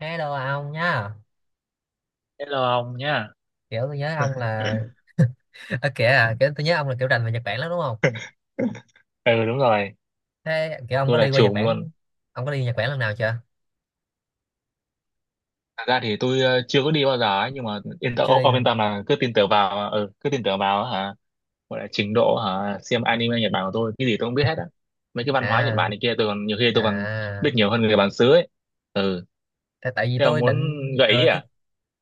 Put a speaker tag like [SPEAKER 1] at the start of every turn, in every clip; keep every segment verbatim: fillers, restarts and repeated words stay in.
[SPEAKER 1] Hello ông nhá.
[SPEAKER 2] Hello ông nhá.
[SPEAKER 1] Kiểu tôi nhớ ông là Ở kìa à, kiểu tôi nhớ ông là kiểu rành về Nhật Bản lắm đúng không?
[SPEAKER 2] Ừ, đúng rồi,
[SPEAKER 1] Thế kiểu ông
[SPEAKER 2] tôi
[SPEAKER 1] có
[SPEAKER 2] là
[SPEAKER 1] đi qua Nhật
[SPEAKER 2] trùm luôn.
[SPEAKER 1] Bản, ông có đi Nhật Bản lần nào chưa?
[SPEAKER 2] Thật ra thì tôi ờ, chưa có đi bao giờ ấy, nhưng mà yên tâm
[SPEAKER 1] Chưa
[SPEAKER 2] ông,
[SPEAKER 1] đi
[SPEAKER 2] ông yên
[SPEAKER 1] luôn
[SPEAKER 2] tâm là cứ tin tưởng vào ừ, cứ tin tưởng vào hả? Gọi là trình độ hả xem anime Nhật Bản của tôi, cái gì tôi cũng biết hết á. Mấy cái văn hóa Nhật
[SPEAKER 1] à?
[SPEAKER 2] Bản này kia tôi còn, nhiều khi tôi còn
[SPEAKER 1] À.
[SPEAKER 2] biết nhiều hơn người bản xứ ấy. Ừ,
[SPEAKER 1] tại, tại vì
[SPEAKER 2] thế ông
[SPEAKER 1] tôi
[SPEAKER 2] muốn
[SPEAKER 1] định
[SPEAKER 2] gợi ý
[SPEAKER 1] ờ, tôi,
[SPEAKER 2] à?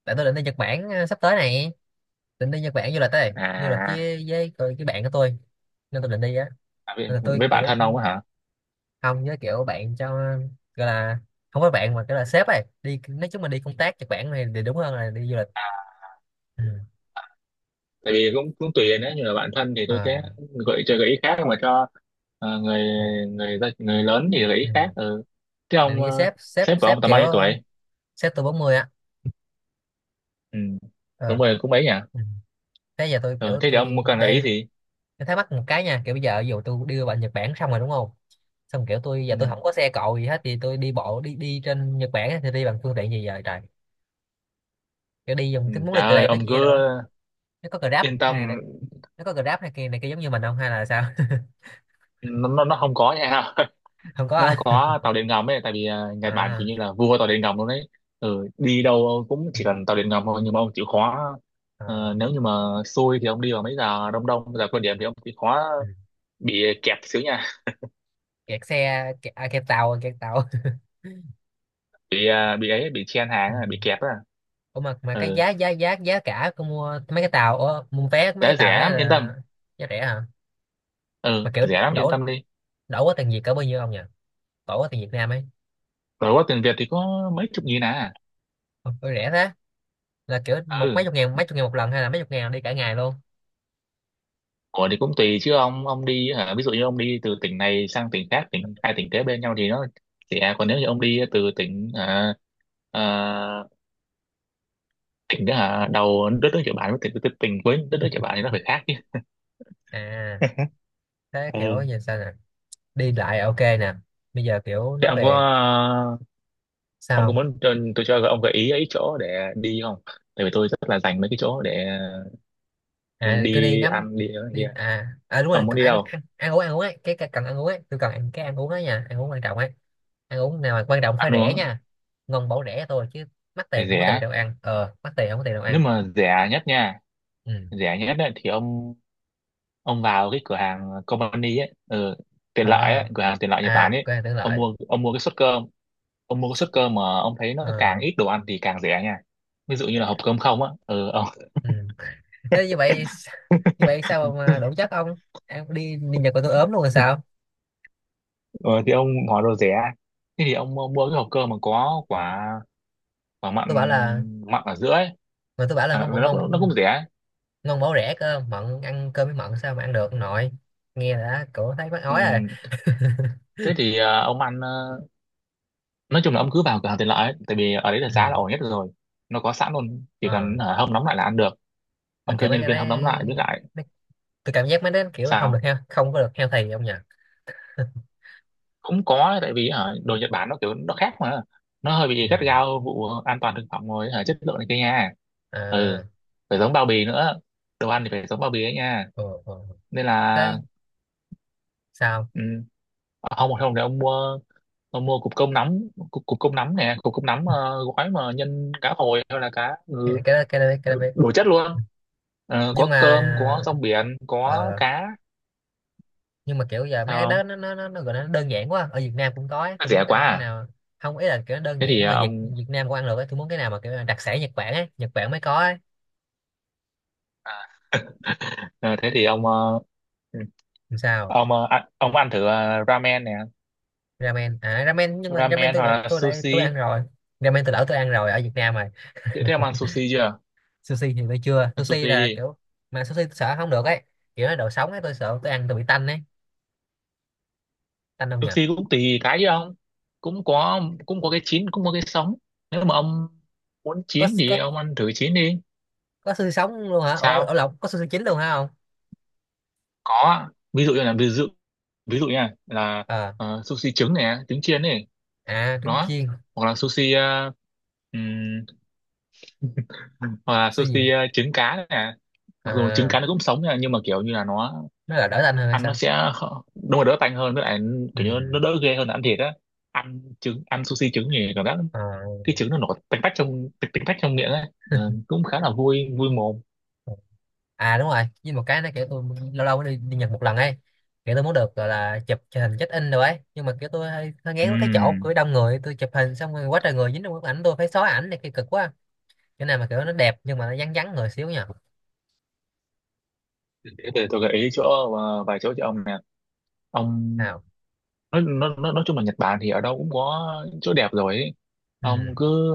[SPEAKER 1] tại tôi định đi Nhật Bản ờ, sắp tới này, định đi Nhật Bản du lịch đây, du lịch
[SPEAKER 2] À,
[SPEAKER 1] với với cái cái bạn của tôi nên tôi định đi á.
[SPEAKER 2] à, với,
[SPEAKER 1] Nên là tôi
[SPEAKER 2] với bạn
[SPEAKER 1] kiểu
[SPEAKER 2] thân ông á.
[SPEAKER 1] không với kiểu bạn cho, gọi là không phải bạn mà kiểu là sếp ấy đi, nói chung là đi công tác Nhật Bản này thì đúng hơn là đi du lịch. Ừ.
[SPEAKER 2] Tại vì cũng cũng tùy đấy, như là bạn thân thì tôi
[SPEAKER 1] À,
[SPEAKER 2] sẽ gợi cho gợi ý khác, mà cho ờ, người
[SPEAKER 1] này.
[SPEAKER 2] người gia- người lớn thì gợi ý
[SPEAKER 1] Ừ.
[SPEAKER 2] khác. Ừ. Thế
[SPEAKER 1] Tại
[SPEAKER 2] ông
[SPEAKER 1] vì
[SPEAKER 2] ờ,
[SPEAKER 1] sếp sếp
[SPEAKER 2] sếp của
[SPEAKER 1] sếp
[SPEAKER 2] ông tầm bao
[SPEAKER 1] kiểu
[SPEAKER 2] nhiêu tuổi?
[SPEAKER 1] sếp tôi bốn mươi á.
[SPEAKER 2] Ừ. Cũng
[SPEAKER 1] Ờ.
[SPEAKER 2] mười cũng mấy nhỉ?
[SPEAKER 1] Ừ. Thế giờ tôi
[SPEAKER 2] Ừ.
[SPEAKER 1] kiểu
[SPEAKER 2] Thế thì ông
[SPEAKER 1] tôi
[SPEAKER 2] cần gợi ý
[SPEAKER 1] đang,
[SPEAKER 2] gì?
[SPEAKER 1] tôi thắc mắc một cái nha, kiểu bây giờ ví dụ tôi đưa bạn Nhật Bản xong rồi đúng không, xong kiểu tôi giờ
[SPEAKER 2] Ừ.
[SPEAKER 1] tôi không có xe cộ gì hết thì tôi đi bộ đi đi trên Nhật Bản á, thì đi bằng phương tiện gì giờ trời, kiểu đi dùng
[SPEAKER 2] Ừ.
[SPEAKER 1] tôi muốn đi
[SPEAKER 2] Trời
[SPEAKER 1] từ
[SPEAKER 2] ơi,
[SPEAKER 1] đây tới
[SPEAKER 2] ông cứ
[SPEAKER 1] kia rồi á, nó có Grab
[SPEAKER 2] yên
[SPEAKER 1] hay là,
[SPEAKER 2] tâm,
[SPEAKER 1] nó có Grab hay kia này kia giống như mình không hay là sao?
[SPEAKER 2] nó nó, nó không có nha.
[SPEAKER 1] Không có
[SPEAKER 2] Nó
[SPEAKER 1] à?
[SPEAKER 2] có tàu điện ngầm ấy, tại vì ờ, Nhật Bản
[SPEAKER 1] À,
[SPEAKER 2] kiểu như là vua tàu điện ngầm luôn đấy. Ừ. Đi đâu cũng
[SPEAKER 1] ừ.
[SPEAKER 2] chỉ cần tàu điện ngầm thôi, nhưng mà ông chịu khó. Ờ,
[SPEAKER 1] À,
[SPEAKER 2] nếu như mà xui thì ông đi vào mấy giờ đông, đông giờ cao điểm, thì ông chịu khó
[SPEAKER 1] ừ.
[SPEAKER 2] bị kẹp xíu nha.
[SPEAKER 1] Kẹt xe kẹt, à, kẹt tàu kẹt tàu.
[SPEAKER 2] bị à, bị ấy bị chen hàng
[SPEAKER 1] Ừ.
[SPEAKER 2] à, bị kẹp à.
[SPEAKER 1] Ủa mà mà cái
[SPEAKER 2] Ừ,
[SPEAKER 1] giá giá giá giá cả cô mua mấy cái tàu, ủa, mua vé mấy cái
[SPEAKER 2] đã
[SPEAKER 1] tàu
[SPEAKER 2] rẻ
[SPEAKER 1] đấy
[SPEAKER 2] lắm, yên tâm.
[SPEAKER 1] là giá rẻ hả? Mà
[SPEAKER 2] Ừ,
[SPEAKER 1] kiểu
[SPEAKER 2] rẻ lắm, yên
[SPEAKER 1] đổ,
[SPEAKER 2] tâm đi.
[SPEAKER 1] đổ quá tiền Việt cỡ bao nhiêu ông nhỉ? Đổ quá tiền Việt Nam ấy.
[SPEAKER 2] Rồi qua tiền Việt thì có mấy chục nghìn à.
[SPEAKER 1] Ủa, ủa rẻ thế. Là kiểu một mấy
[SPEAKER 2] Ừ,
[SPEAKER 1] chục ngàn, mấy chục ngàn một lần hay là mấy chục ngàn đi cả ngày luôn?
[SPEAKER 2] của thì cũng tùy chứ ông ông đi hả ví dụ như ông đi từ tỉnh này sang tỉnh khác, tỉnh hai tỉnh kế bên nhau thì nó rẻ, còn nếu như ông đi từ tỉnh à, à, tỉnh đó hả đầu đất nước Nhật Bản với tỉnh tỉnh tỉnh cuối đất nước Nhật Bản thì nó phải khác chứ.
[SPEAKER 1] À, thế kiểu
[SPEAKER 2] Ừ,
[SPEAKER 1] giờ sao nè? Đi lại à, ok nè. Bây giờ kiểu
[SPEAKER 2] thế
[SPEAKER 1] nó
[SPEAKER 2] ông có
[SPEAKER 1] về
[SPEAKER 2] à, ông
[SPEAKER 1] sao
[SPEAKER 2] có
[SPEAKER 1] không?
[SPEAKER 2] muốn cho- tôi cho ông gợi ý ấy chỗ để đi không? Tại vì tôi rất là dành mấy cái chỗ để
[SPEAKER 1] À cứ đi
[SPEAKER 2] đi
[SPEAKER 1] ngắm
[SPEAKER 2] ăn đi ở
[SPEAKER 1] đi,
[SPEAKER 2] kia.
[SPEAKER 1] à à đúng
[SPEAKER 2] Ông
[SPEAKER 1] rồi
[SPEAKER 2] muốn đi
[SPEAKER 1] ăn
[SPEAKER 2] đâu
[SPEAKER 1] ăn ăn uống, ăn uống ấy, cái, cái cần ăn uống ấy, tôi cần ăn cái ăn uống ấy nha, ăn uống quan trọng ấy, ăn uống nào mà quan trọng phải
[SPEAKER 2] ăn
[SPEAKER 1] rẻ
[SPEAKER 2] uống?
[SPEAKER 1] nha, ngon bổ rẻ thôi chứ mắc
[SPEAKER 2] Thì
[SPEAKER 1] tiền không có tiền
[SPEAKER 2] rẻ,
[SPEAKER 1] đâu ăn, ờ mắc tiền không có tiền đâu
[SPEAKER 2] nếu
[SPEAKER 1] ăn.
[SPEAKER 2] mà rẻ nhất nha.
[SPEAKER 1] Ừ.
[SPEAKER 2] Rẻ nhất ấy, thì ông ông vào cái cửa hàng company ấy, ừ, tiện lợi
[SPEAKER 1] À,
[SPEAKER 2] ấy, cửa hàng tiện lợi Nhật Bản
[SPEAKER 1] à
[SPEAKER 2] ấy.
[SPEAKER 1] quên tưởng
[SPEAKER 2] ông
[SPEAKER 1] lại.
[SPEAKER 2] mua ông mua cái suất cơm, ông mua cái suất
[SPEAKER 1] Sức.
[SPEAKER 2] cơm mà ông thấy nó càng
[SPEAKER 1] Ờ.
[SPEAKER 2] ít đồ ăn thì càng rẻ nha. Ví dụ như là hộp cơm không á. Ừ, ông
[SPEAKER 1] Ừ. Thế như vậy như vậy sao mà đủ chất ông? Ăn đi đi Nhật mà tôi ốm luôn rồi sao?
[SPEAKER 2] Ừ, thì ông hỏi đồ rẻ. Thế thì ông mua mua cái hộp cơm mà có quả quả mặn
[SPEAKER 1] Tôi bảo là,
[SPEAKER 2] mặn ở giữa ấy.
[SPEAKER 1] mà tôi bảo là
[SPEAKER 2] à,
[SPEAKER 1] ngon
[SPEAKER 2] nó
[SPEAKER 1] bổ
[SPEAKER 2] nó
[SPEAKER 1] ngon,
[SPEAKER 2] cũng nó cũng rẻ.
[SPEAKER 1] ngon bổ rẻ cơ. Mận ăn cơm với mận sao mà ăn được, nội nghe đã cổ thấy mắc
[SPEAKER 2] Ừ,
[SPEAKER 1] ói rồi.
[SPEAKER 2] thế thì ờ, ông ăn ờ, nói chung là ông cứ vào cửa hàng tiện lợi ấy, tại vì ở đấy là
[SPEAKER 1] Ừ.
[SPEAKER 2] giá là ổn nhất rồi. Nó có sẵn luôn, chỉ cần
[SPEAKER 1] Ờ.
[SPEAKER 2] hả, hâm nóng lại là ăn được.
[SPEAKER 1] Mà
[SPEAKER 2] Ông
[SPEAKER 1] kiểu
[SPEAKER 2] kêu
[SPEAKER 1] mấy
[SPEAKER 2] nhân
[SPEAKER 1] cái
[SPEAKER 2] viên hâm nóng
[SPEAKER 1] đấy,
[SPEAKER 2] lại với lại.
[SPEAKER 1] mấy-, tôi cảm giác mấy đấy kiểu không được
[SPEAKER 2] Sao?
[SPEAKER 1] heo, không có được healthy ông nhỉ?
[SPEAKER 2] Cũng có, tại vì hả, đồ Nhật Bản nó kiểu nó khác mà. Nó hơi bị
[SPEAKER 1] Ừ.
[SPEAKER 2] gắt gao vụ an toàn thực phẩm rồi, hả, chất lượng này kia nha. Ừ,
[SPEAKER 1] À.
[SPEAKER 2] phải giống bao bì nữa, đồ ăn thì phải giống bao bì ấy nha.
[SPEAKER 1] Ờ, ờ. Ờ.
[SPEAKER 2] Nên là.
[SPEAKER 1] Thế sao,
[SPEAKER 2] Ừ. không không thì ông mua, ông mua cục cơm nắm, cục, cục cơm nắm nè, cục cơm nắm ờ, gói mà nhân cá hồi hay là cá ngừ.
[SPEAKER 1] cái cái đó, cái đó biết, cái
[SPEAKER 2] đủ
[SPEAKER 1] đó biết,
[SPEAKER 2] đủ chất luôn. Ờ,
[SPEAKER 1] nhưng
[SPEAKER 2] có
[SPEAKER 1] mà,
[SPEAKER 2] cơm, có rong biển, có
[SPEAKER 1] ờ,
[SPEAKER 2] cá.
[SPEAKER 1] nhưng mà kiểu giờ mấy
[SPEAKER 2] Sao
[SPEAKER 1] cái đó
[SPEAKER 2] không?
[SPEAKER 1] nó nó nó nó, gọi là nó đơn giản quá ở Việt Nam cũng có ấy. Tôi
[SPEAKER 2] Rẻ
[SPEAKER 1] muốn
[SPEAKER 2] quá
[SPEAKER 1] ăn cái
[SPEAKER 2] à?
[SPEAKER 1] nào, không ý là kiểu nó đơn
[SPEAKER 2] Thế thì
[SPEAKER 1] giản
[SPEAKER 2] ờ,
[SPEAKER 1] mà Việt
[SPEAKER 2] ông
[SPEAKER 1] Việt Nam cũng ăn được ấy. Tôi muốn cái nào mà kiểu là đặc sản Nhật Bản ấy, Nhật Bản mới có ấy.
[SPEAKER 2] à, ờ, thế thì ông ờ, ừ,
[SPEAKER 1] Làm sao?
[SPEAKER 2] ông ờ, ăn- ông ăn thử ờ, ramen nè,
[SPEAKER 1] Ramen à, ramen, nhưng mà ramen
[SPEAKER 2] ramen
[SPEAKER 1] tôi
[SPEAKER 2] hoặc
[SPEAKER 1] lại
[SPEAKER 2] là
[SPEAKER 1] tôi lại tôi
[SPEAKER 2] sushi.
[SPEAKER 1] ăn rồi. Ramen tôi lỡ tôi ăn rồi ở Việt Nam rồi.
[SPEAKER 2] Thế, thế ông ăn sushi chưa?
[SPEAKER 1] Sushi thì tôi chưa,
[SPEAKER 2] Ăn
[SPEAKER 1] sushi
[SPEAKER 2] sushi
[SPEAKER 1] là
[SPEAKER 2] đi.
[SPEAKER 1] kiểu, mà sushi tôi sợ không được ấy, kiểu nó đồ sống ấy tôi sợ tôi ăn tôi bị tanh ấy. Tanh không nhỉ?
[SPEAKER 2] Sushi cũng tùy cái chứ ông, cũng có cũng có cái chín, cũng có cái sống. Nếu mà ông muốn
[SPEAKER 1] có
[SPEAKER 2] chín thì
[SPEAKER 1] có
[SPEAKER 2] ông ăn thử chín đi.
[SPEAKER 1] có xương sống luôn hả? Ở, ở
[SPEAKER 2] Sao?
[SPEAKER 1] lộc có xương chín luôn hả không?
[SPEAKER 2] Có. Ví dụ như là ví dụ ví dụ nha là
[SPEAKER 1] Ờ.
[SPEAKER 2] ờ, sushi trứng nè, trứng chiên này.
[SPEAKER 1] À trứng
[SPEAKER 2] Đó,
[SPEAKER 1] chiên.
[SPEAKER 2] hoặc là sushi ờ, ừm, hoặc là
[SPEAKER 1] Xương
[SPEAKER 2] sushi
[SPEAKER 1] gì?
[SPEAKER 2] ờ, trứng cá này nè. Mặc dù trứng
[SPEAKER 1] À
[SPEAKER 2] cá nó cũng sống nha, nhưng mà kiểu như là nó
[SPEAKER 1] nó là đỡ tanh hơn hay
[SPEAKER 2] ăn nó
[SPEAKER 1] sao?
[SPEAKER 2] sẽ khó- đúng là đỡ tanh hơn, với lại
[SPEAKER 1] Ừ.
[SPEAKER 2] kiểu như nó đỡ ghê hơn là ăn thịt á. Ăn trứng ăn sushi trứng thì cảm giác
[SPEAKER 1] Ờ.
[SPEAKER 2] cái trứng nó nổi tanh tách trong tanh tanh tách trong miệng ấy. Ờ, cũng khá là vui vui mồm.
[SPEAKER 1] À đúng rồi, với một cái nó kiểu tôi lâu lâu mới đi, đi Nhật một lần ấy, kiểu tôi muốn được gọi là chụp hình check in rồi ấy, nhưng mà kiểu tôi hơi, hơi ngán cái chỗ
[SPEAKER 2] Ừm.
[SPEAKER 1] của đông người, tôi chụp hình xong rồi quá trời người dính trong bức ảnh tôi phải xóa ảnh này kia cực quá. Cái này mà kiểu nó đẹp nhưng mà nó vắng vắng người xíu nha.
[SPEAKER 2] Thế thì tôi gợi ý chỗ ờ, vài chỗ cho ông nè. Ông
[SPEAKER 1] Sao.
[SPEAKER 2] nói nói nói nói chung là Nhật Bản thì ở đâu cũng có chỗ đẹp rồi ấy.
[SPEAKER 1] Ừ.
[SPEAKER 2] Ông cứ,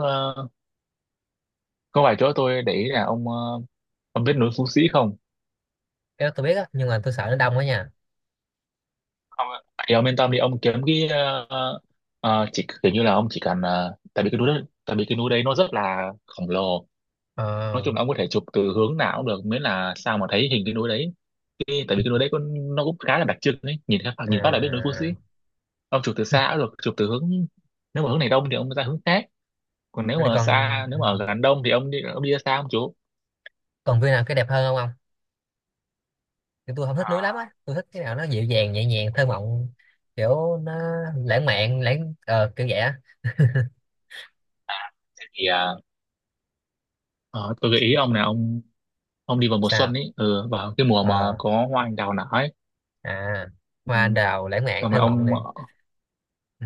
[SPEAKER 2] có vài chỗ tôi để ý là ông ờ, ông biết núi Phú Sĩ không?
[SPEAKER 1] Cái đó tôi biết á nhưng mà tôi sợ nó đông quá nha.
[SPEAKER 2] Không ạ. Thì ông yên tâm đi, ông kiếm cái ờ, ờ, chỉ kiểu như là ông chỉ cần ờ, tại vì cái núi đó, tại vì cái núi đấy nó rất là khổng lồ. Nói
[SPEAKER 1] Ờ.
[SPEAKER 2] chung là ông có thể chụp từ hướng nào cũng được, miễn là sao mà thấy hình cái núi đấy. Cái, tại vì cái núi đấy có, nó cũng khá là đặc trưng đấy, nhìn phát nhìn phát là biết núi Phú Sĩ.
[SPEAKER 1] À.
[SPEAKER 2] Ông chụp từ xa cũng được, chụp từ hướng, nếu mà hướng này đông thì ông ra hướng khác, còn nếu
[SPEAKER 1] Rồi
[SPEAKER 2] mà
[SPEAKER 1] còn,
[SPEAKER 2] xa nếu
[SPEAKER 1] ừ.
[SPEAKER 2] mà ở gần đông thì ông đi ông đi ra xa, ông chú
[SPEAKER 1] Còn view nào cái đẹp hơn không ông? Thì tôi không thích núi lắm á,
[SPEAKER 2] À,
[SPEAKER 1] tôi thích cái nào nó dịu dàng nhẹ nhàng thơ mộng, kiểu nó lãng mạn, lãng ờ, kiểu vậy á.
[SPEAKER 2] thế thì à, ờ, tôi gợi ý ông là ông ông đi vào mùa xuân
[SPEAKER 1] Sao.
[SPEAKER 2] ấy, ừ, vào cái mùa mà
[SPEAKER 1] Ờ.
[SPEAKER 2] có hoa anh đào nở ấy.
[SPEAKER 1] À. Hoa
[SPEAKER 2] Ừ,
[SPEAKER 1] anh đào lãng mạn
[SPEAKER 2] còn mà
[SPEAKER 1] thơ mộng
[SPEAKER 2] ông
[SPEAKER 1] này. Ừ.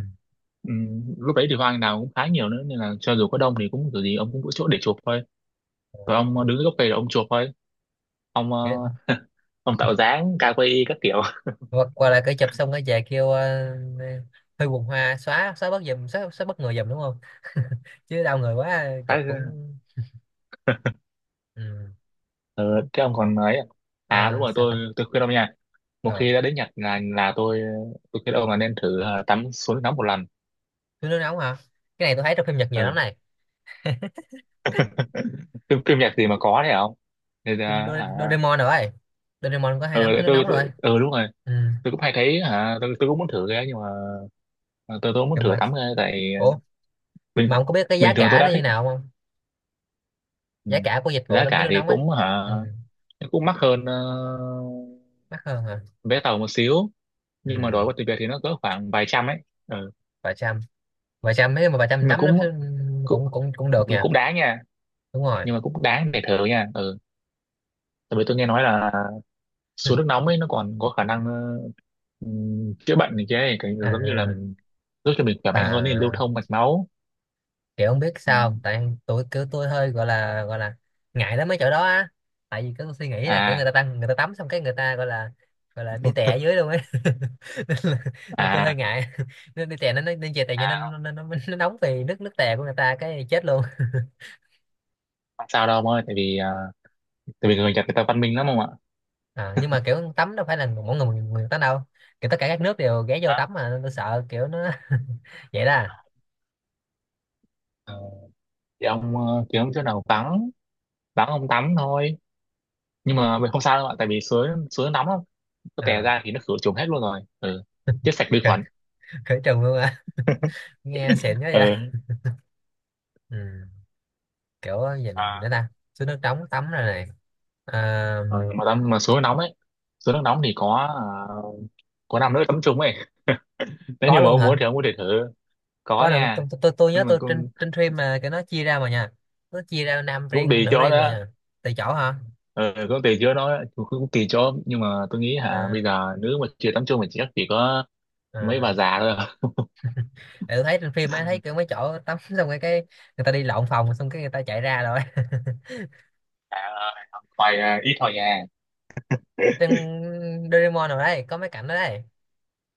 [SPEAKER 2] ừ, lúc đấy thì hoa anh đào cũng khá nhiều nữa, nên là cho dù có đông thì cũng kiểu gì ông cũng có chỗ để chụp thôi. Rồi ông ờ, đứng dưới gốc cây rồi ông chụp thôi. ông ờ,
[SPEAKER 1] Vậy-.
[SPEAKER 2] ông tạo dáng ca quay các kiểu.
[SPEAKER 1] Qua, qua lại cái chụp xong cái về kêu uh, hơi buồn hoa, xóa xóa bớt giùm, xóa, xóa bớt người giùm đúng không? Chứ đau người quá
[SPEAKER 2] Khá.
[SPEAKER 1] chụp cũng. Ừ.
[SPEAKER 2] Ừ, thế ông còn nói à? À đúng
[SPEAKER 1] Ờ,
[SPEAKER 2] rồi,
[SPEAKER 1] sao ta.
[SPEAKER 2] tôi tôi khuyên ông nha, một
[SPEAKER 1] Ờ.
[SPEAKER 2] khi đã đến Nhật là là tôi tôi khuyên ông là nên thử ờ, tắm suối nóng một lần.
[SPEAKER 1] Tôi nước nóng hả? Cái này tôi thấy trong phim Nhật nhiều lắm
[SPEAKER 2] Ừ.
[SPEAKER 1] này.
[SPEAKER 2] phim, phim Nhật gì mà có thế không? Thì, ờ,
[SPEAKER 1] Phim Do-
[SPEAKER 2] à,
[SPEAKER 1] Doraemon rồi, Doraemon có hay
[SPEAKER 2] ừ,
[SPEAKER 1] lắm cái
[SPEAKER 2] để
[SPEAKER 1] nước
[SPEAKER 2] tôi,
[SPEAKER 1] nóng
[SPEAKER 2] tôi,
[SPEAKER 1] rồi.
[SPEAKER 2] ừ, đúng rồi,
[SPEAKER 1] Ừ.
[SPEAKER 2] tôi cũng hay thấy, hả tôi, tôi cũng muốn thử cái, nhưng mà tôi tôi cũng muốn
[SPEAKER 1] Cầm.
[SPEAKER 2] thử tắm cái, tại
[SPEAKER 1] Ủa mà
[SPEAKER 2] bình
[SPEAKER 1] ông có biết cái giá
[SPEAKER 2] bình thường tôi
[SPEAKER 1] cả
[SPEAKER 2] đã
[SPEAKER 1] nó như
[SPEAKER 2] thích.
[SPEAKER 1] nào không,
[SPEAKER 2] Ừ,
[SPEAKER 1] giá cả của dịch vụ
[SPEAKER 2] giá
[SPEAKER 1] tắm suối
[SPEAKER 2] cả
[SPEAKER 1] nước
[SPEAKER 2] thì
[SPEAKER 1] nóng á?
[SPEAKER 2] cũng hả
[SPEAKER 1] Ừ.
[SPEAKER 2] cũng mắc hơn ờ,
[SPEAKER 1] Mắc hơn hả?
[SPEAKER 2] vé tàu một xíu, nhưng mà
[SPEAKER 1] Ừ.
[SPEAKER 2] đổi qua tiền Việt thì nó cỡ khoảng vài trăm ấy. Ừ,
[SPEAKER 1] Vài trăm. Vài trăm nếu mà vài trăm
[SPEAKER 2] nhưng mà
[SPEAKER 1] tắm nó sẽ-,
[SPEAKER 2] cũng, cũng
[SPEAKER 1] cũng cũng cũng được nha.
[SPEAKER 2] cũng đáng nha,
[SPEAKER 1] Đúng rồi.
[SPEAKER 2] nhưng mà cũng đáng để thử nha. Ừ, tại vì tôi nghe nói là xuống nước nóng ấy nó còn có khả năng ờ, ừm, chữa bệnh này kia ấy, cái giống như là
[SPEAKER 1] À,
[SPEAKER 2] mình giúp cho mình khỏe mạnh hơn, nên lưu
[SPEAKER 1] à
[SPEAKER 2] thông mạch máu.
[SPEAKER 1] kiểu không biết
[SPEAKER 2] Ừ.
[SPEAKER 1] sao không? Tại tôi kiểu tôi hơi gọi là gọi là ngại lắm mấy chỗ đó á, tại vì cứ suy nghĩ là kiểu người
[SPEAKER 2] à
[SPEAKER 1] ta tăng người ta tắm xong cái người ta gọi là gọi là đi tè ở dưới luôn ấy nên, là, nên tôi hơi
[SPEAKER 2] à
[SPEAKER 1] ngại nên đi tè nó nó- nên chè tè cho nên
[SPEAKER 2] à
[SPEAKER 1] nó, nó, nó, nó nóng vì nước nước tè của người ta cái chết luôn.
[SPEAKER 2] Không sao đâu ông ơi, tại vì à, tại vì người Nhật người ta văn minh lắm, không ạ.
[SPEAKER 1] À, nhưng mà kiểu tắm đâu phải là mỗi người một người tắm đâu, kiểu tất cả các nước đều ghé vô
[SPEAKER 2] Đó.
[SPEAKER 1] tắm mà, nên tôi sợ kiểu nó vậy đó à.
[SPEAKER 2] Ờ, thì ông ờ, kiếm chỗ nào vắng, vắng ông tắm thôi, nhưng mà mình không sao đâu ạ, tại vì suối suối nóng lắm. Có tè
[SPEAKER 1] À.
[SPEAKER 2] ra thì nó khử trùng hết luôn rồi. Ừ, chết sạch
[SPEAKER 1] Khử,
[SPEAKER 2] vi khuẩn.
[SPEAKER 1] khử trùng luôn à? Nghe xịn quá vậy.
[SPEAKER 2] Ừ.
[SPEAKER 1] Ừ. Kiểu gì nữa, gì nữa ta. Xuống nước trống tắm rồi này. À.
[SPEAKER 2] Rồi mà tắm mà suối nóng ấy, suối nước nóng thì có ờ, có năm nước tắm chung ấy. Nếu
[SPEAKER 1] Có
[SPEAKER 2] như mà
[SPEAKER 1] luôn
[SPEAKER 2] ông
[SPEAKER 1] hả?
[SPEAKER 2] muốn thì ông có thể thử. Có
[SPEAKER 1] Có là
[SPEAKER 2] nha,
[SPEAKER 1] tôi, tôi, tôi, tôi nhớ
[SPEAKER 2] nhưng mà
[SPEAKER 1] tôi trên
[SPEAKER 2] cũng
[SPEAKER 1] trên phim mà cái nó chia ra mà nha, nó chia ra nam
[SPEAKER 2] cũng
[SPEAKER 1] riêng
[SPEAKER 2] tùy
[SPEAKER 1] nữ
[SPEAKER 2] chỗ
[SPEAKER 1] riêng mà
[SPEAKER 2] đó.
[SPEAKER 1] nha. Tùy chỗ hả?
[SPEAKER 2] Ừ, cũng tùy chỗ đó, cũng, cũng tùy chỗ nhưng mà tôi nghĩ hả
[SPEAKER 1] À,
[SPEAKER 2] bây giờ nữ mà chưa tắm chung thì chắc chỉ có mấy bà
[SPEAKER 1] à.
[SPEAKER 2] già thôi.
[SPEAKER 1] Tại tôi thấy trên phim ấy, thấy kiểu mấy chỗ tắm xong cái, cái người ta đi lộn phòng xong cái người ta chạy ra rồi.
[SPEAKER 2] Dạ ơi, học hoài à, ít thôi nha.
[SPEAKER 1] Tên Doraemon rồi đấy có mấy cảnh đó đấy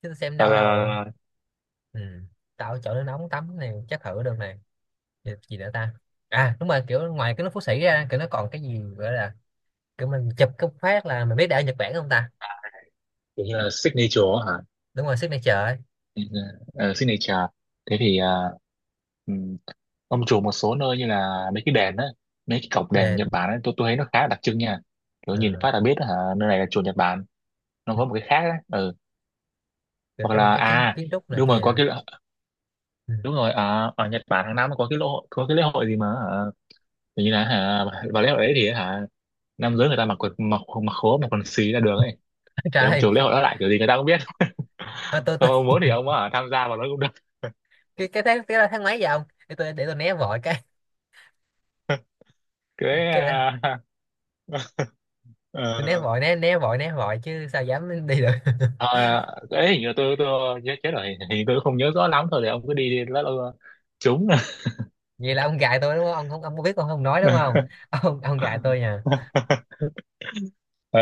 [SPEAKER 1] chứ tôi xem đâu đâu.
[SPEAKER 2] Ờ,
[SPEAKER 1] Ừ. Tạo chỗ nước nóng tắm này chắc thử được này. Gì, gì nữa ta. À đúng rồi kiểu ngoài cái nước Phú Sĩ ra kiểu nó còn cái gì gọi là kiểu mình chụp cái phát là mình biết đã ở Nhật Bản không ta?
[SPEAKER 2] kiểu như là signature hả?
[SPEAKER 1] Đúng rồi, signature ấy.
[SPEAKER 2] Ờ, signature. Thế thì à, ừm, ông chủ một số nơi như là mấy cái đền á, mấy cái cổng đền Nhật
[SPEAKER 1] Đền.
[SPEAKER 2] Bản ấy, tôi tôi thấy nó khá là đặc trưng nha. Kiểu
[SPEAKER 1] Ờ,
[SPEAKER 2] nhìn phát là biết đó, hả, nơi này là chùa Nhật Bản. Nó có một cái khác á. Ừ.
[SPEAKER 1] kiểu
[SPEAKER 2] Hoặc
[SPEAKER 1] trong
[SPEAKER 2] là
[SPEAKER 1] cái kiến
[SPEAKER 2] à,
[SPEAKER 1] kiến trúc này
[SPEAKER 2] đúng rồi,
[SPEAKER 1] kia.
[SPEAKER 2] có cái,
[SPEAKER 1] Ừ.
[SPEAKER 2] đúng rồi, à, ở Nhật Bản hàng năm có cái lễ hội, có cái lễ hội gì mà hả? Kiểu như là, hả, vào lễ hội đấy thì hả nam giới người ta mặc quần, mặc mặc khố, mặc quần xì ra đường ấy.
[SPEAKER 1] Trời
[SPEAKER 2] Để ông
[SPEAKER 1] ơi,
[SPEAKER 2] chủ lễ hội đó lại kiểu gì người ta cũng biết.
[SPEAKER 1] thôi tôi tôi,
[SPEAKER 2] Không, ông muốn thì ông ở tham gia vào nó cũng được.
[SPEAKER 1] cái cái tháng, cái tháng mấy vậy ông, để tôi để tôi né vội cái
[SPEAKER 2] Cái
[SPEAKER 1] cái đó.
[SPEAKER 2] à,
[SPEAKER 1] Tôi né
[SPEAKER 2] ờ,
[SPEAKER 1] vội, né né vội né vội chứ sao dám đi được.
[SPEAKER 2] ờ, Cái hình như tôi tôi nhớ chết rồi, hình hình như tôi không nhớ rõ lắm thôi, thì ông cứ đi đi lỡ đâu trúng.
[SPEAKER 1] Vậy là ông gài tôi đúng không ông, không ông có biết ông không nói đúng không, ông ông gài tôi nha.
[SPEAKER 2] Ờ,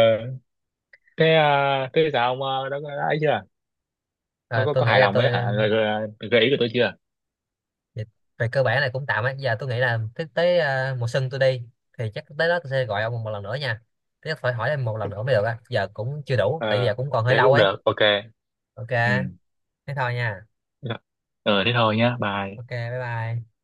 [SPEAKER 2] thế à, thế sao ông ờ, đã, đã ấy chưa, có
[SPEAKER 1] Rồi
[SPEAKER 2] có
[SPEAKER 1] tôi
[SPEAKER 2] có
[SPEAKER 1] nghĩ
[SPEAKER 2] hài
[SPEAKER 1] là
[SPEAKER 2] lòng với
[SPEAKER 1] tôi
[SPEAKER 2] hả gợi,
[SPEAKER 1] um,
[SPEAKER 2] gợi, gợi ý của tôi chưa?
[SPEAKER 1] về, về cơ bản là cũng tạm á. Giờ tôi nghĩ là tới, tới à, mùa xuân tôi đi thì chắc tới đó tôi sẽ gọi ông một lần nữa nha. Thế phải hỏi em một lần nữa mới được á. Giờ cũng chưa đủ tại vì
[SPEAKER 2] Ờ,
[SPEAKER 1] giờ cũng còn hơi
[SPEAKER 2] thế
[SPEAKER 1] lâu
[SPEAKER 2] cũng
[SPEAKER 1] ấy.
[SPEAKER 2] được, ok.
[SPEAKER 1] Ok,
[SPEAKER 2] Ừ.
[SPEAKER 1] thế thôi nha.
[SPEAKER 2] Dạ. Ờ, thế thôi nhá, bye.
[SPEAKER 1] Ok, bye bye.